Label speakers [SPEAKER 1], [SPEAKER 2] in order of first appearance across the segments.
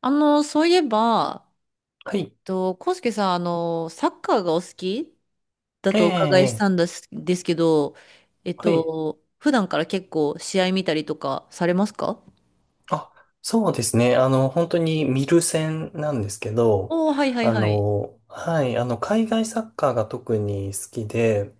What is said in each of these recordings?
[SPEAKER 1] そういえば、
[SPEAKER 2] はい。
[SPEAKER 1] 康介さん、サッカーがお好きだ
[SPEAKER 2] え
[SPEAKER 1] とお伺いした
[SPEAKER 2] え、
[SPEAKER 1] んですけど、
[SPEAKER 2] はい。
[SPEAKER 1] 普段から結構試合見たりとかされますか？
[SPEAKER 2] あ、そうですね。本当に見る線なんですけど、
[SPEAKER 1] おー、はいはいはい。
[SPEAKER 2] 海外サッカーが特に好きで、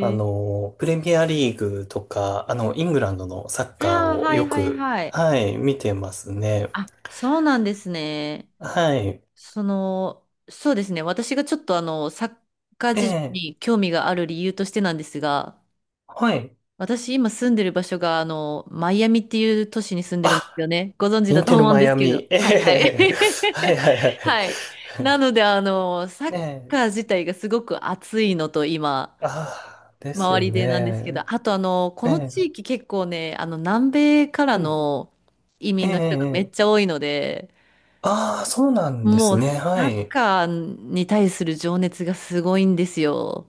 [SPEAKER 1] え。
[SPEAKER 2] プレミアリーグとか、イングランドのサッ
[SPEAKER 1] あ
[SPEAKER 2] カー
[SPEAKER 1] あ、
[SPEAKER 2] を
[SPEAKER 1] はい
[SPEAKER 2] よ
[SPEAKER 1] はい
[SPEAKER 2] く、
[SPEAKER 1] はい。
[SPEAKER 2] はい、見てますね。
[SPEAKER 1] あ、そうなんですね。
[SPEAKER 2] はい。
[SPEAKER 1] そうですね。私がちょっとサッカー
[SPEAKER 2] え
[SPEAKER 1] 事情
[SPEAKER 2] え、
[SPEAKER 1] に興味がある理由としてなんですが、
[SPEAKER 2] はい。
[SPEAKER 1] 私今住んでる場所が、マイアミっていう都市に住んでるんで
[SPEAKER 2] あ、
[SPEAKER 1] すよね。ご存知
[SPEAKER 2] イ
[SPEAKER 1] だ
[SPEAKER 2] ン
[SPEAKER 1] と
[SPEAKER 2] テル
[SPEAKER 1] 思うん
[SPEAKER 2] マ
[SPEAKER 1] で
[SPEAKER 2] イ
[SPEAKER 1] す
[SPEAKER 2] ア
[SPEAKER 1] け
[SPEAKER 2] ミ。
[SPEAKER 1] ど。
[SPEAKER 2] え
[SPEAKER 1] はいはい。
[SPEAKER 2] え、はいはいはい。
[SPEAKER 1] はい。なので、サ ッ
[SPEAKER 2] ね
[SPEAKER 1] カー自体がすごく熱いのと今、
[SPEAKER 2] え、ああ、です
[SPEAKER 1] 周
[SPEAKER 2] よ
[SPEAKER 1] りでなんですけ
[SPEAKER 2] ね。
[SPEAKER 1] ど、あと
[SPEAKER 2] え
[SPEAKER 1] この
[SPEAKER 2] え、
[SPEAKER 1] 地域結構ね、南米から
[SPEAKER 2] はい。
[SPEAKER 1] の移
[SPEAKER 2] え
[SPEAKER 1] 民の人がめっ
[SPEAKER 2] え
[SPEAKER 1] ち
[SPEAKER 2] ええ、
[SPEAKER 1] ゃ多いので、
[SPEAKER 2] ああ、そうなんで
[SPEAKER 1] も
[SPEAKER 2] す
[SPEAKER 1] う
[SPEAKER 2] ね。は
[SPEAKER 1] サッ
[SPEAKER 2] い。
[SPEAKER 1] カーに対する情熱がすごいんですよ。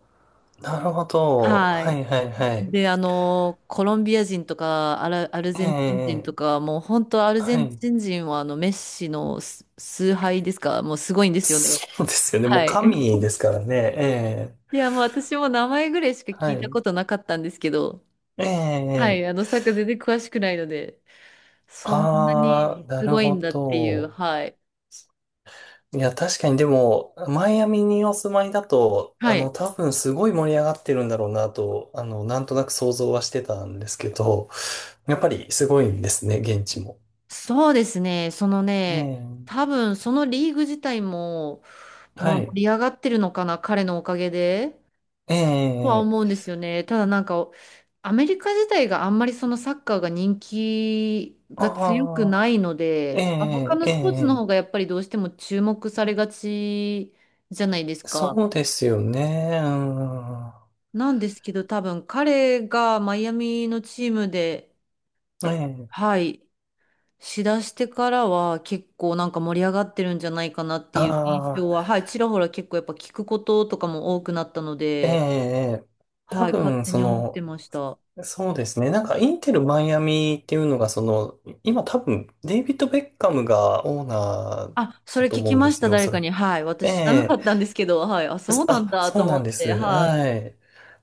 [SPEAKER 2] なるほど。
[SPEAKER 1] は
[SPEAKER 2] は
[SPEAKER 1] い。
[SPEAKER 2] いはいはい。
[SPEAKER 1] で、コロンビア人とかアル
[SPEAKER 2] え
[SPEAKER 1] ゼンチン人と
[SPEAKER 2] え、
[SPEAKER 1] か、もう本当アルゼ
[SPEAKER 2] は
[SPEAKER 1] ン
[SPEAKER 2] い。
[SPEAKER 1] チン人はあのメッシの崇拝ですか、もうすごいんですよね。
[SPEAKER 2] そうですよね。もう
[SPEAKER 1] はい。
[SPEAKER 2] 神 ですからね。ええ、
[SPEAKER 1] いや、もう私も名前ぐらいしか聞
[SPEAKER 2] は
[SPEAKER 1] いた
[SPEAKER 2] い。
[SPEAKER 1] ことなかったんですけど、
[SPEAKER 2] え
[SPEAKER 1] はい、
[SPEAKER 2] え、
[SPEAKER 1] サッカー全然詳しくないので、そんな
[SPEAKER 2] ああ、
[SPEAKER 1] に
[SPEAKER 2] な
[SPEAKER 1] す
[SPEAKER 2] る
[SPEAKER 1] ごいん
[SPEAKER 2] ほ
[SPEAKER 1] だっていう、
[SPEAKER 2] ど。
[SPEAKER 1] はい。
[SPEAKER 2] いや、確かにでも、マイアミにお住まいだと、
[SPEAKER 1] はい。
[SPEAKER 2] 多分すごい盛り上がってるんだろうなと、なんとなく想像はしてたんですけど、やっぱりすごいんですね、現地も。
[SPEAKER 1] そうですね、その
[SPEAKER 2] え
[SPEAKER 1] ね、
[SPEAKER 2] え、
[SPEAKER 1] 多分そのリーグ自体も、ま
[SPEAKER 2] は
[SPEAKER 1] あ
[SPEAKER 2] い。
[SPEAKER 1] 盛り上がってるのかな、彼のおかげで。
[SPEAKER 2] え
[SPEAKER 1] とは
[SPEAKER 2] え、
[SPEAKER 1] 思うんですよね。ただなんか、アメリカ自体があんまりそのサッカーが人気が強く
[SPEAKER 2] あ
[SPEAKER 1] な
[SPEAKER 2] あ。
[SPEAKER 1] いの
[SPEAKER 2] え
[SPEAKER 1] で、他
[SPEAKER 2] え、
[SPEAKER 1] の
[SPEAKER 2] え
[SPEAKER 1] スポーツの
[SPEAKER 2] え、
[SPEAKER 1] 方がやっぱりどうしても注目されがちじゃないですか。
[SPEAKER 2] そうですよね。うん。
[SPEAKER 1] なんですけど、多分彼がマイアミのチームで、
[SPEAKER 2] ええ、
[SPEAKER 1] はい、しだしてからは結構なんか盛り上がってるんじゃないかなっていう印
[SPEAKER 2] あ
[SPEAKER 1] 象
[SPEAKER 2] あ、
[SPEAKER 1] は、はい、ちらほら結構やっぱ聞くこととかも多くなったの
[SPEAKER 2] え
[SPEAKER 1] で、
[SPEAKER 2] え、多
[SPEAKER 1] はい、勝
[SPEAKER 2] 分、
[SPEAKER 1] 手
[SPEAKER 2] そ
[SPEAKER 1] に思って
[SPEAKER 2] の、
[SPEAKER 1] ました。
[SPEAKER 2] そうですね。なんか、インテル・マイアミっていうのが、その、今多分、デイビッド・ベッカムがオーナー
[SPEAKER 1] あ、そ
[SPEAKER 2] だ
[SPEAKER 1] れ
[SPEAKER 2] と
[SPEAKER 1] 聞
[SPEAKER 2] 思
[SPEAKER 1] き
[SPEAKER 2] うんで
[SPEAKER 1] まし
[SPEAKER 2] す
[SPEAKER 1] た、
[SPEAKER 2] よ、お
[SPEAKER 1] 誰
[SPEAKER 2] そら
[SPEAKER 1] か
[SPEAKER 2] く。
[SPEAKER 1] に。はい。
[SPEAKER 2] え
[SPEAKER 1] 私知らなか
[SPEAKER 2] え、
[SPEAKER 1] ったんですけど、はい。あ、そうなん
[SPEAKER 2] あ、
[SPEAKER 1] だと
[SPEAKER 2] そうな
[SPEAKER 1] 思
[SPEAKER 2] んで
[SPEAKER 1] って、
[SPEAKER 2] す。
[SPEAKER 1] は
[SPEAKER 2] は
[SPEAKER 1] い。
[SPEAKER 2] い。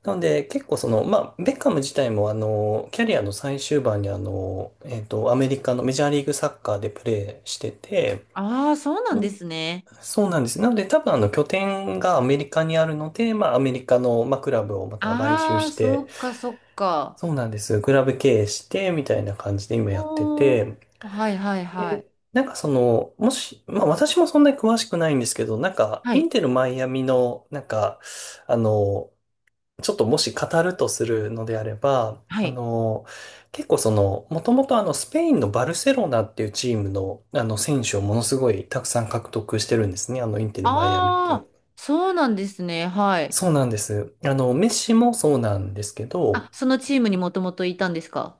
[SPEAKER 2] なので、結構その、まあ、ベッカム自体も、キャリアの最終盤に、アメリカのメジャーリーグサッカーでプレーしてて、
[SPEAKER 1] ああ、そうなんですね。
[SPEAKER 2] そうなんです。なので多分あの拠点がアメリカにあるので、まあアメリカの、まあ、クラブをまた買収
[SPEAKER 1] ああ、
[SPEAKER 2] し
[SPEAKER 1] そ
[SPEAKER 2] て、
[SPEAKER 1] っか、そっか。
[SPEAKER 2] そうなんです。クラブ経営してみたいな感じで今やって
[SPEAKER 1] おー、
[SPEAKER 2] て、
[SPEAKER 1] はいはいはい。
[SPEAKER 2] で、なんかその、もし、まあ私もそんなに詳しくないんですけど、なんか
[SPEAKER 1] は
[SPEAKER 2] イ
[SPEAKER 1] い、
[SPEAKER 2] ンテルマイアミの、なんか、あの、ちょっともし語るとするのであれば、
[SPEAKER 1] はい。
[SPEAKER 2] 結構その、もともとあのスペインのバルセロナっていうチームの、あの選手をものすごいたくさん獲得してるんですね。あのインテルマイアミってい
[SPEAKER 1] あ
[SPEAKER 2] う
[SPEAKER 1] あ、そうなんですね。はい。
[SPEAKER 2] そうなんです。あの、メッシもそうなんですけど、
[SPEAKER 1] あ、そのチームにもともといたんですか？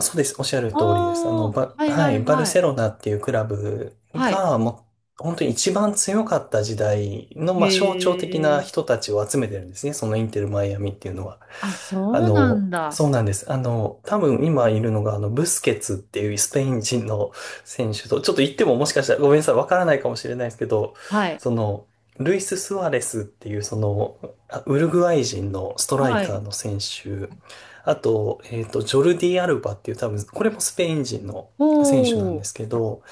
[SPEAKER 2] そうです。おっしゃる
[SPEAKER 1] あ
[SPEAKER 2] 通りです。あの、
[SPEAKER 1] あはい
[SPEAKER 2] は
[SPEAKER 1] は
[SPEAKER 2] い、
[SPEAKER 1] い
[SPEAKER 2] バル
[SPEAKER 1] は
[SPEAKER 2] セ
[SPEAKER 1] い。
[SPEAKER 2] ロナっていうクラブ
[SPEAKER 1] はい。
[SPEAKER 2] が、もう、本当に一番強かった時代の、
[SPEAKER 1] へ
[SPEAKER 2] まあ、象徴的な
[SPEAKER 1] え。
[SPEAKER 2] 人たちを集めてるんですね。そのインテル・マイアミっていうのは。
[SPEAKER 1] あ、
[SPEAKER 2] あ
[SPEAKER 1] そうな
[SPEAKER 2] の、
[SPEAKER 1] んだ。
[SPEAKER 2] そうなんです。多分今いるのが、ブスケツっていうスペイン人の選手と、ちょっと言ってももしかしたらごめんなさい、わからないかもしれないですけど、
[SPEAKER 1] はい。
[SPEAKER 2] その、ルイス・スアレスっていう、その、ウルグアイ人のストライ
[SPEAKER 1] は
[SPEAKER 2] カー
[SPEAKER 1] い。
[SPEAKER 2] の選手、あと、ジョルディ・アルバっていう多分、これもスペイン人の
[SPEAKER 1] お
[SPEAKER 2] 選手なんで
[SPEAKER 1] ー、
[SPEAKER 2] すけど、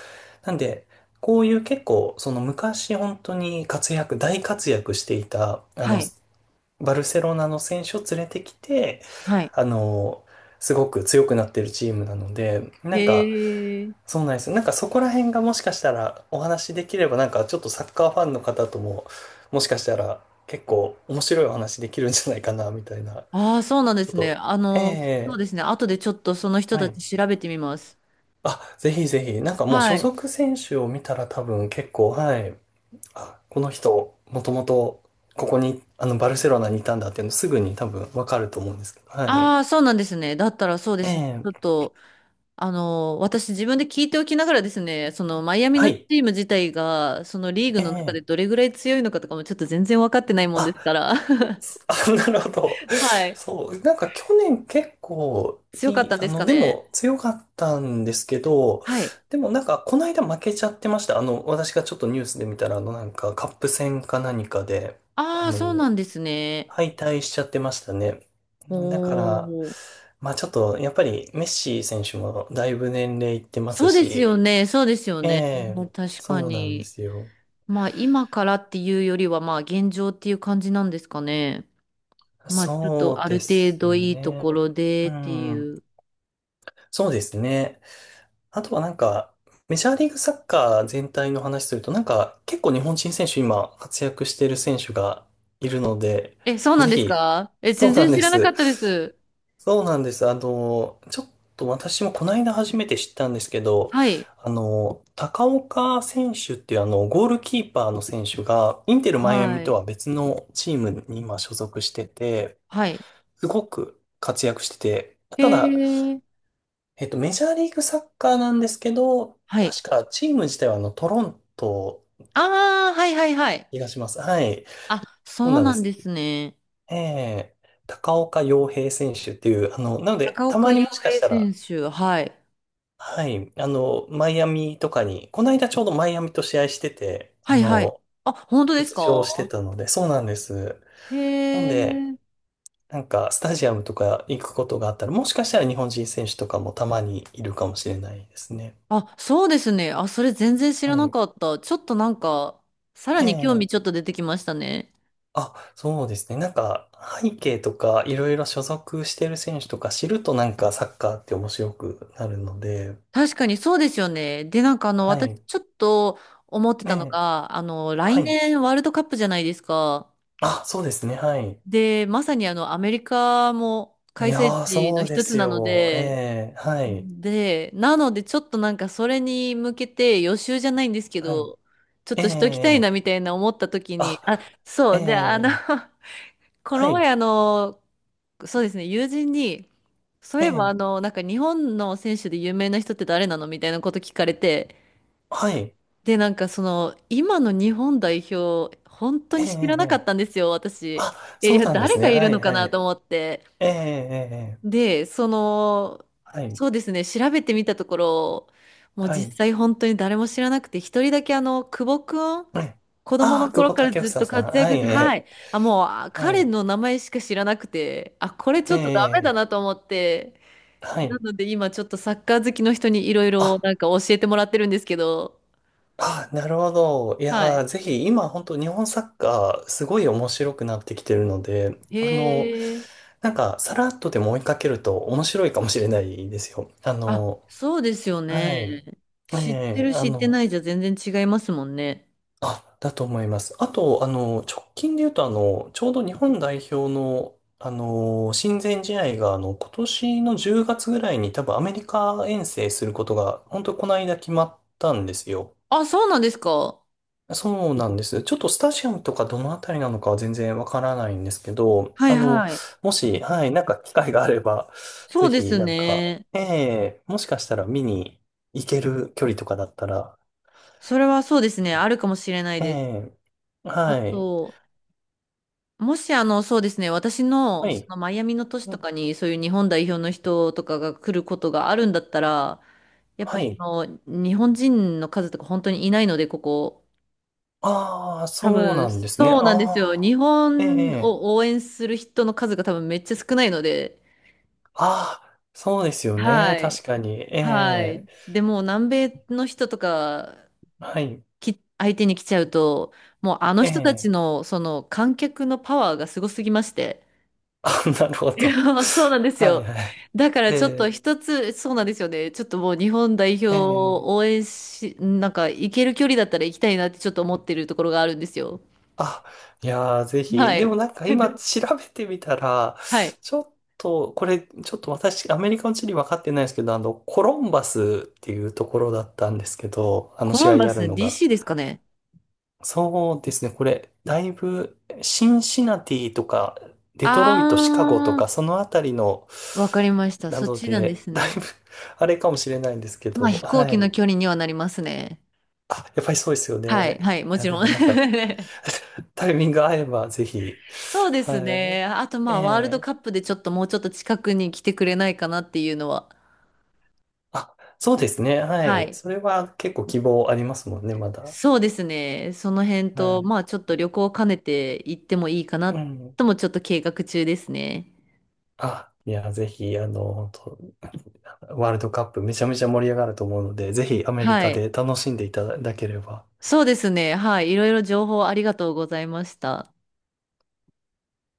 [SPEAKER 2] なんで、こういう結構、その昔本当に大活躍していた、
[SPEAKER 1] はい。
[SPEAKER 2] バルセロナの選手を連れてきて、
[SPEAKER 1] はい。
[SPEAKER 2] あの、すごく強くなってるチームなので、
[SPEAKER 1] へ
[SPEAKER 2] なんか、
[SPEAKER 1] え。
[SPEAKER 2] そうなんですよ。なんかそこら辺がもしかしたらお話しできれば、なんかちょっとサッカーファンの方とも、もしかしたら結構面白いお話できるんじゃないかな、みたいな。
[SPEAKER 1] ああ、そうなんで
[SPEAKER 2] ちょっ
[SPEAKER 1] すね。
[SPEAKER 2] と、
[SPEAKER 1] そ
[SPEAKER 2] え
[SPEAKER 1] うで
[SPEAKER 2] え、
[SPEAKER 1] すね。後でちょっとその人
[SPEAKER 2] は
[SPEAKER 1] た
[SPEAKER 2] い。
[SPEAKER 1] ち調べてみます。
[SPEAKER 2] あ、ぜひぜひ、なんかもう
[SPEAKER 1] は
[SPEAKER 2] 所
[SPEAKER 1] い。
[SPEAKER 2] 属選手を見たら多分結構、はい。あ、この人、もともとここに、バルセロナにいたんだっていうのすぐに多分わかると思うんですけど、はい。
[SPEAKER 1] ああ、そうなんですね。だったらそうで
[SPEAKER 2] え
[SPEAKER 1] すね。
[SPEAKER 2] え、
[SPEAKER 1] ちょっと、私自分で聞いておきながらですね、そのマイアミ
[SPEAKER 2] は
[SPEAKER 1] のチ
[SPEAKER 2] い。
[SPEAKER 1] ーム自体が、そのリーグ
[SPEAKER 2] え
[SPEAKER 1] の中で
[SPEAKER 2] え、
[SPEAKER 1] どれぐらい強いのかとかもちょっと全然分かってないもんで
[SPEAKER 2] あ、
[SPEAKER 1] すから。
[SPEAKER 2] あ、なるほど。
[SPEAKER 1] はい。
[SPEAKER 2] そう、なんか去年結構
[SPEAKER 1] 強か
[SPEAKER 2] い
[SPEAKER 1] っ
[SPEAKER 2] い、
[SPEAKER 1] たん
[SPEAKER 2] あ
[SPEAKER 1] ですか
[SPEAKER 2] の、で
[SPEAKER 1] ね。
[SPEAKER 2] も強かったんですけど、
[SPEAKER 1] はい。
[SPEAKER 2] でもなんかこの間負けちゃってました。私がちょっとニュースで見たら、なんかカップ戦か何かで、あ
[SPEAKER 1] ああ、そう
[SPEAKER 2] の、
[SPEAKER 1] なんですね。
[SPEAKER 2] 敗退しちゃってましたね。
[SPEAKER 1] お
[SPEAKER 2] だから、
[SPEAKER 1] ー。
[SPEAKER 2] まあちょっと、やっぱりメッシ選手もだいぶ年齢いってます
[SPEAKER 1] そうです
[SPEAKER 2] し、
[SPEAKER 1] よね。そうですよ
[SPEAKER 2] え
[SPEAKER 1] ね。
[SPEAKER 2] え、
[SPEAKER 1] 確か
[SPEAKER 2] そうなんで
[SPEAKER 1] に。
[SPEAKER 2] すよ。
[SPEAKER 1] まあ今からっていうよりはまあ現状っていう感じなんですかね。まあちょっ
[SPEAKER 2] そ
[SPEAKER 1] と
[SPEAKER 2] う
[SPEAKER 1] ある
[SPEAKER 2] で
[SPEAKER 1] 程
[SPEAKER 2] す
[SPEAKER 1] 度いいと
[SPEAKER 2] ね。
[SPEAKER 1] ころで
[SPEAKER 2] う
[SPEAKER 1] ってい
[SPEAKER 2] ん。
[SPEAKER 1] う。
[SPEAKER 2] そうですね。あとはなんか、メジャーリーグサッカー全体の話すると、なんか結構日本人選手今活躍している選手がいるので、
[SPEAKER 1] え、そうな
[SPEAKER 2] ぜ
[SPEAKER 1] んです
[SPEAKER 2] ひ、
[SPEAKER 1] か？え、
[SPEAKER 2] そ
[SPEAKER 1] 全
[SPEAKER 2] うな
[SPEAKER 1] 然
[SPEAKER 2] ん
[SPEAKER 1] 知
[SPEAKER 2] で
[SPEAKER 1] らなか
[SPEAKER 2] す。
[SPEAKER 1] ったです。
[SPEAKER 2] そうなんです。ちょっと私もこの間初めて知ったんですけど、
[SPEAKER 1] はい。
[SPEAKER 2] 高岡選手っていうあの、ゴールキーパーの選手が、インテルマイア
[SPEAKER 1] は
[SPEAKER 2] ミと
[SPEAKER 1] い。
[SPEAKER 2] は別のチームに今所属してて、
[SPEAKER 1] はい。
[SPEAKER 2] すごく活躍してて、
[SPEAKER 1] へ
[SPEAKER 2] ただ、
[SPEAKER 1] え。
[SPEAKER 2] メジャーリーグサッカーなんですけど、
[SPEAKER 1] はい。
[SPEAKER 2] 確かチーム自体はあの、トロント、
[SPEAKER 1] ああ、はいはいはい。
[SPEAKER 2] 気がします。はい。
[SPEAKER 1] あ、
[SPEAKER 2] そう
[SPEAKER 1] そう
[SPEAKER 2] なんで
[SPEAKER 1] なん
[SPEAKER 2] す。
[SPEAKER 1] ですね。
[SPEAKER 2] ええ、高岡洋平選手っていう、なので、
[SPEAKER 1] 高
[SPEAKER 2] た
[SPEAKER 1] 岡
[SPEAKER 2] ま
[SPEAKER 1] 洋
[SPEAKER 2] にもしか
[SPEAKER 1] 平
[SPEAKER 2] した
[SPEAKER 1] 選
[SPEAKER 2] ら、
[SPEAKER 1] 手。はい。
[SPEAKER 2] はい、マイアミとかに、この間ちょうどマイアミと試合してて、
[SPEAKER 1] はいはい。あ、本当です
[SPEAKER 2] 出場して
[SPEAKER 1] か？
[SPEAKER 2] たので、そうなんです。
[SPEAKER 1] へ
[SPEAKER 2] なので、
[SPEAKER 1] え。
[SPEAKER 2] なんか、スタジアムとか行くことがあったら、もしかしたら日本人選手とかもたまにいるかもしれないですね。
[SPEAKER 1] あ、そうですね。あ、それ全然知
[SPEAKER 2] は
[SPEAKER 1] らな
[SPEAKER 2] い。
[SPEAKER 1] かった。ちょっとなんか、さら
[SPEAKER 2] え
[SPEAKER 1] に興味ちょっ
[SPEAKER 2] え。
[SPEAKER 1] と出てきましたね。
[SPEAKER 2] あ、そうですね。なんか、背景とか、いろいろ所属してる選手とか知るとなんかサッカーって面白くなるので、
[SPEAKER 1] 確かにそうですよね。で、なんか
[SPEAKER 2] は
[SPEAKER 1] 私
[SPEAKER 2] い。
[SPEAKER 1] ちょっと思って
[SPEAKER 2] え
[SPEAKER 1] たの
[SPEAKER 2] え。
[SPEAKER 1] が、来
[SPEAKER 2] はい。
[SPEAKER 1] 年ワールドカップじゃないですか。
[SPEAKER 2] あ、そうですね。はい。
[SPEAKER 1] で、まさにアメリカも
[SPEAKER 2] い
[SPEAKER 1] 開催
[SPEAKER 2] やー、
[SPEAKER 1] 地の
[SPEAKER 2] そうで
[SPEAKER 1] 一つ
[SPEAKER 2] す
[SPEAKER 1] なの
[SPEAKER 2] よ。
[SPEAKER 1] で、
[SPEAKER 2] ええ。はい。
[SPEAKER 1] で、なのでちょっとなんかそれに向けて予習じゃないんですけ
[SPEAKER 2] はい。
[SPEAKER 1] ど、ちょっ
[SPEAKER 2] え
[SPEAKER 1] としときたいな
[SPEAKER 2] え。
[SPEAKER 1] みたいな思った時に、あ、
[SPEAKER 2] あ、え
[SPEAKER 1] そう、で、
[SPEAKER 2] え。
[SPEAKER 1] こ
[SPEAKER 2] は
[SPEAKER 1] の前
[SPEAKER 2] い。
[SPEAKER 1] そうですね、友人に、そうい
[SPEAKER 2] え
[SPEAKER 1] えば
[SPEAKER 2] え。
[SPEAKER 1] なんか日本の選手で有名な人って誰なのみたいなこと聞かれて、
[SPEAKER 2] はい。
[SPEAKER 1] で、なんか今の日本代表、本当
[SPEAKER 2] え
[SPEAKER 1] に知らなか
[SPEAKER 2] え。
[SPEAKER 1] ったんですよ、私。
[SPEAKER 2] あ、
[SPEAKER 1] えい
[SPEAKER 2] そう
[SPEAKER 1] や、
[SPEAKER 2] なんで
[SPEAKER 1] 誰
[SPEAKER 2] す
[SPEAKER 1] が
[SPEAKER 2] ね。
[SPEAKER 1] い
[SPEAKER 2] は
[SPEAKER 1] る
[SPEAKER 2] い、
[SPEAKER 1] のか
[SPEAKER 2] はい。
[SPEAKER 1] なと思って。
[SPEAKER 2] ええ。ええ、
[SPEAKER 1] で、
[SPEAKER 2] はい。
[SPEAKER 1] そうですね、調べてみたところ、もう
[SPEAKER 2] は
[SPEAKER 1] 実
[SPEAKER 2] い。
[SPEAKER 1] 際本当に誰も知らなくて、一人だけ久保くん、
[SPEAKER 2] ええ。
[SPEAKER 1] 子供
[SPEAKER 2] ああ、
[SPEAKER 1] の
[SPEAKER 2] 久
[SPEAKER 1] 頃
[SPEAKER 2] 保
[SPEAKER 1] から
[SPEAKER 2] 建英
[SPEAKER 1] ずっ
[SPEAKER 2] さん。
[SPEAKER 1] と活
[SPEAKER 2] は
[SPEAKER 1] 躍
[SPEAKER 2] い。
[SPEAKER 1] して、
[SPEAKER 2] え
[SPEAKER 1] は
[SPEAKER 2] え。
[SPEAKER 1] い。あ、もう、あ
[SPEAKER 2] は
[SPEAKER 1] 彼
[SPEAKER 2] い。
[SPEAKER 1] の名前しか知らなくて、あ、これち
[SPEAKER 2] え
[SPEAKER 1] ょっとダメだ
[SPEAKER 2] え、
[SPEAKER 1] なと思って、
[SPEAKER 2] は
[SPEAKER 1] な
[SPEAKER 2] い。
[SPEAKER 1] ので今ちょっとサッカー好きの人にいろいろ
[SPEAKER 2] あ、
[SPEAKER 1] なんか教えてもらってるんですけど。
[SPEAKER 2] あ、なるほど。い
[SPEAKER 1] は
[SPEAKER 2] やー、
[SPEAKER 1] い。
[SPEAKER 2] ぜひ、今、本当日本サッカー、すごい面白くなってきてるので、
[SPEAKER 1] へえ。
[SPEAKER 2] なんか、さらっとでも追いかけると面白いかもしれないですよ。あ
[SPEAKER 1] あ、
[SPEAKER 2] の、
[SPEAKER 1] そうですよ
[SPEAKER 2] は
[SPEAKER 1] ね。
[SPEAKER 2] い。
[SPEAKER 1] 知って
[SPEAKER 2] ええ、
[SPEAKER 1] る
[SPEAKER 2] あ
[SPEAKER 1] 知って
[SPEAKER 2] の、
[SPEAKER 1] ないじゃ全然違いますもんね。
[SPEAKER 2] あ、だと思います。あと、直近で言うと、ちょうど日本代表の、親善試合が、今年の10月ぐらいに多分アメリカ遠征することが、本当この間決まったんですよ。
[SPEAKER 1] あ、そうなんですか。
[SPEAKER 2] そうなんです。ちょっとスタジアムとかどのあたりなのかは全然わからないんですけど、
[SPEAKER 1] はいはい。
[SPEAKER 2] もし、はい、なんか機会があれば、
[SPEAKER 1] そ
[SPEAKER 2] ぜ
[SPEAKER 1] うで
[SPEAKER 2] ひ、
[SPEAKER 1] す
[SPEAKER 2] なんか、
[SPEAKER 1] ね。
[SPEAKER 2] ええ、もしかしたら見に行ける距離とかだったら、
[SPEAKER 1] それはそうですね。あるかもしれない
[SPEAKER 2] え
[SPEAKER 1] です。
[SPEAKER 2] え、
[SPEAKER 1] あ
[SPEAKER 2] はい、
[SPEAKER 1] と、もしそうですね。私の
[SPEAKER 2] は
[SPEAKER 1] そ
[SPEAKER 2] い、
[SPEAKER 1] のマイアミの都市とかにそういう日本代表の人とかが来ることがあるんだったら、やっぱ
[SPEAKER 2] は
[SPEAKER 1] そ
[SPEAKER 2] い。
[SPEAKER 1] の日本人の数とか本当にいないので、ここ。
[SPEAKER 2] ああ、
[SPEAKER 1] 多
[SPEAKER 2] そう
[SPEAKER 1] 分、
[SPEAKER 2] なんですね。
[SPEAKER 1] そ
[SPEAKER 2] あ
[SPEAKER 1] うなんですよ。日
[SPEAKER 2] あ、え
[SPEAKER 1] 本
[SPEAKER 2] え、
[SPEAKER 1] を応援する人の数が多分めっちゃ少ないので、
[SPEAKER 2] ああ、そうですよ
[SPEAKER 1] は
[SPEAKER 2] ね。確
[SPEAKER 1] い。
[SPEAKER 2] かに。え
[SPEAKER 1] は
[SPEAKER 2] え、
[SPEAKER 1] い。でも、南米の人とか
[SPEAKER 2] はい、
[SPEAKER 1] 、相手に来ちゃうと、もうあの人たち
[SPEAKER 2] ええ、
[SPEAKER 1] の、その観客のパワーがすごすぎまして。
[SPEAKER 2] あ、なるほ
[SPEAKER 1] いや、
[SPEAKER 2] ど。
[SPEAKER 1] そうなんです
[SPEAKER 2] はい、
[SPEAKER 1] よ。
[SPEAKER 2] はい。
[SPEAKER 1] だから
[SPEAKER 2] え
[SPEAKER 1] ちょっと
[SPEAKER 2] え
[SPEAKER 1] 一つ、そうなんですよね。ちょっともう日本代表
[SPEAKER 2] ええ、
[SPEAKER 1] を応援し、なんか行ける距離だったら行きたいなってちょっと思ってるところがあるんですよ。
[SPEAKER 2] あ、いやー、ぜひ。
[SPEAKER 1] は
[SPEAKER 2] でも
[SPEAKER 1] い。
[SPEAKER 2] なんか今 調べてみたら、
[SPEAKER 1] はい。
[SPEAKER 2] ちょっと、これ、ちょっと私、アメリカの地理分かってないですけど、コロンバスっていうところだったんですけど、あの
[SPEAKER 1] コ
[SPEAKER 2] 試
[SPEAKER 1] ロン
[SPEAKER 2] 合
[SPEAKER 1] バ
[SPEAKER 2] やる
[SPEAKER 1] ス
[SPEAKER 2] のが。
[SPEAKER 1] DC ですかね？
[SPEAKER 2] そうですね、これ、だいぶ、シンシナティとか、デトロイト、シカゴとか、
[SPEAKER 1] あ
[SPEAKER 2] そのあたりの、
[SPEAKER 1] ー、わかりました。
[SPEAKER 2] な
[SPEAKER 1] そっ
[SPEAKER 2] の
[SPEAKER 1] ちなんで
[SPEAKER 2] で、
[SPEAKER 1] す
[SPEAKER 2] だい
[SPEAKER 1] ね。
[SPEAKER 2] ぶ、あれかもしれないんですけ
[SPEAKER 1] まあ
[SPEAKER 2] ど、
[SPEAKER 1] 飛行
[SPEAKER 2] は
[SPEAKER 1] 機の
[SPEAKER 2] い。
[SPEAKER 1] 距離にはなりますね。
[SPEAKER 2] あ、やっぱりそうですよ
[SPEAKER 1] はい、は
[SPEAKER 2] ね。
[SPEAKER 1] い、も
[SPEAKER 2] いや、
[SPEAKER 1] ち
[SPEAKER 2] で
[SPEAKER 1] ろん。
[SPEAKER 2] もなんか、タイミング合えばぜひ。
[SPEAKER 1] そうで
[SPEAKER 2] は
[SPEAKER 1] すね。
[SPEAKER 2] い。
[SPEAKER 1] あとま
[SPEAKER 2] え
[SPEAKER 1] あワールド
[SPEAKER 2] え、
[SPEAKER 1] カップでちょっともうちょっと近くに来てくれないかなっていうのは。
[SPEAKER 2] あ、そうですね。は
[SPEAKER 1] は
[SPEAKER 2] い。
[SPEAKER 1] い。
[SPEAKER 2] それは結構希望ありますもんね、まだ。
[SPEAKER 1] そうですね。その辺
[SPEAKER 2] は
[SPEAKER 1] と、
[SPEAKER 2] い。
[SPEAKER 1] まあちょっと旅行を兼ねて行ってもいいかな
[SPEAKER 2] うん。
[SPEAKER 1] ともちょっと計画中ですね。
[SPEAKER 2] あ、いや、ぜひ、あの、本当ワールドカップめちゃめちゃ盛り上がると思うので、ぜひアメリ
[SPEAKER 1] は
[SPEAKER 2] カ
[SPEAKER 1] い。
[SPEAKER 2] で楽しんでいただければ。
[SPEAKER 1] そうですね。はい。いろいろ情報ありがとうございました。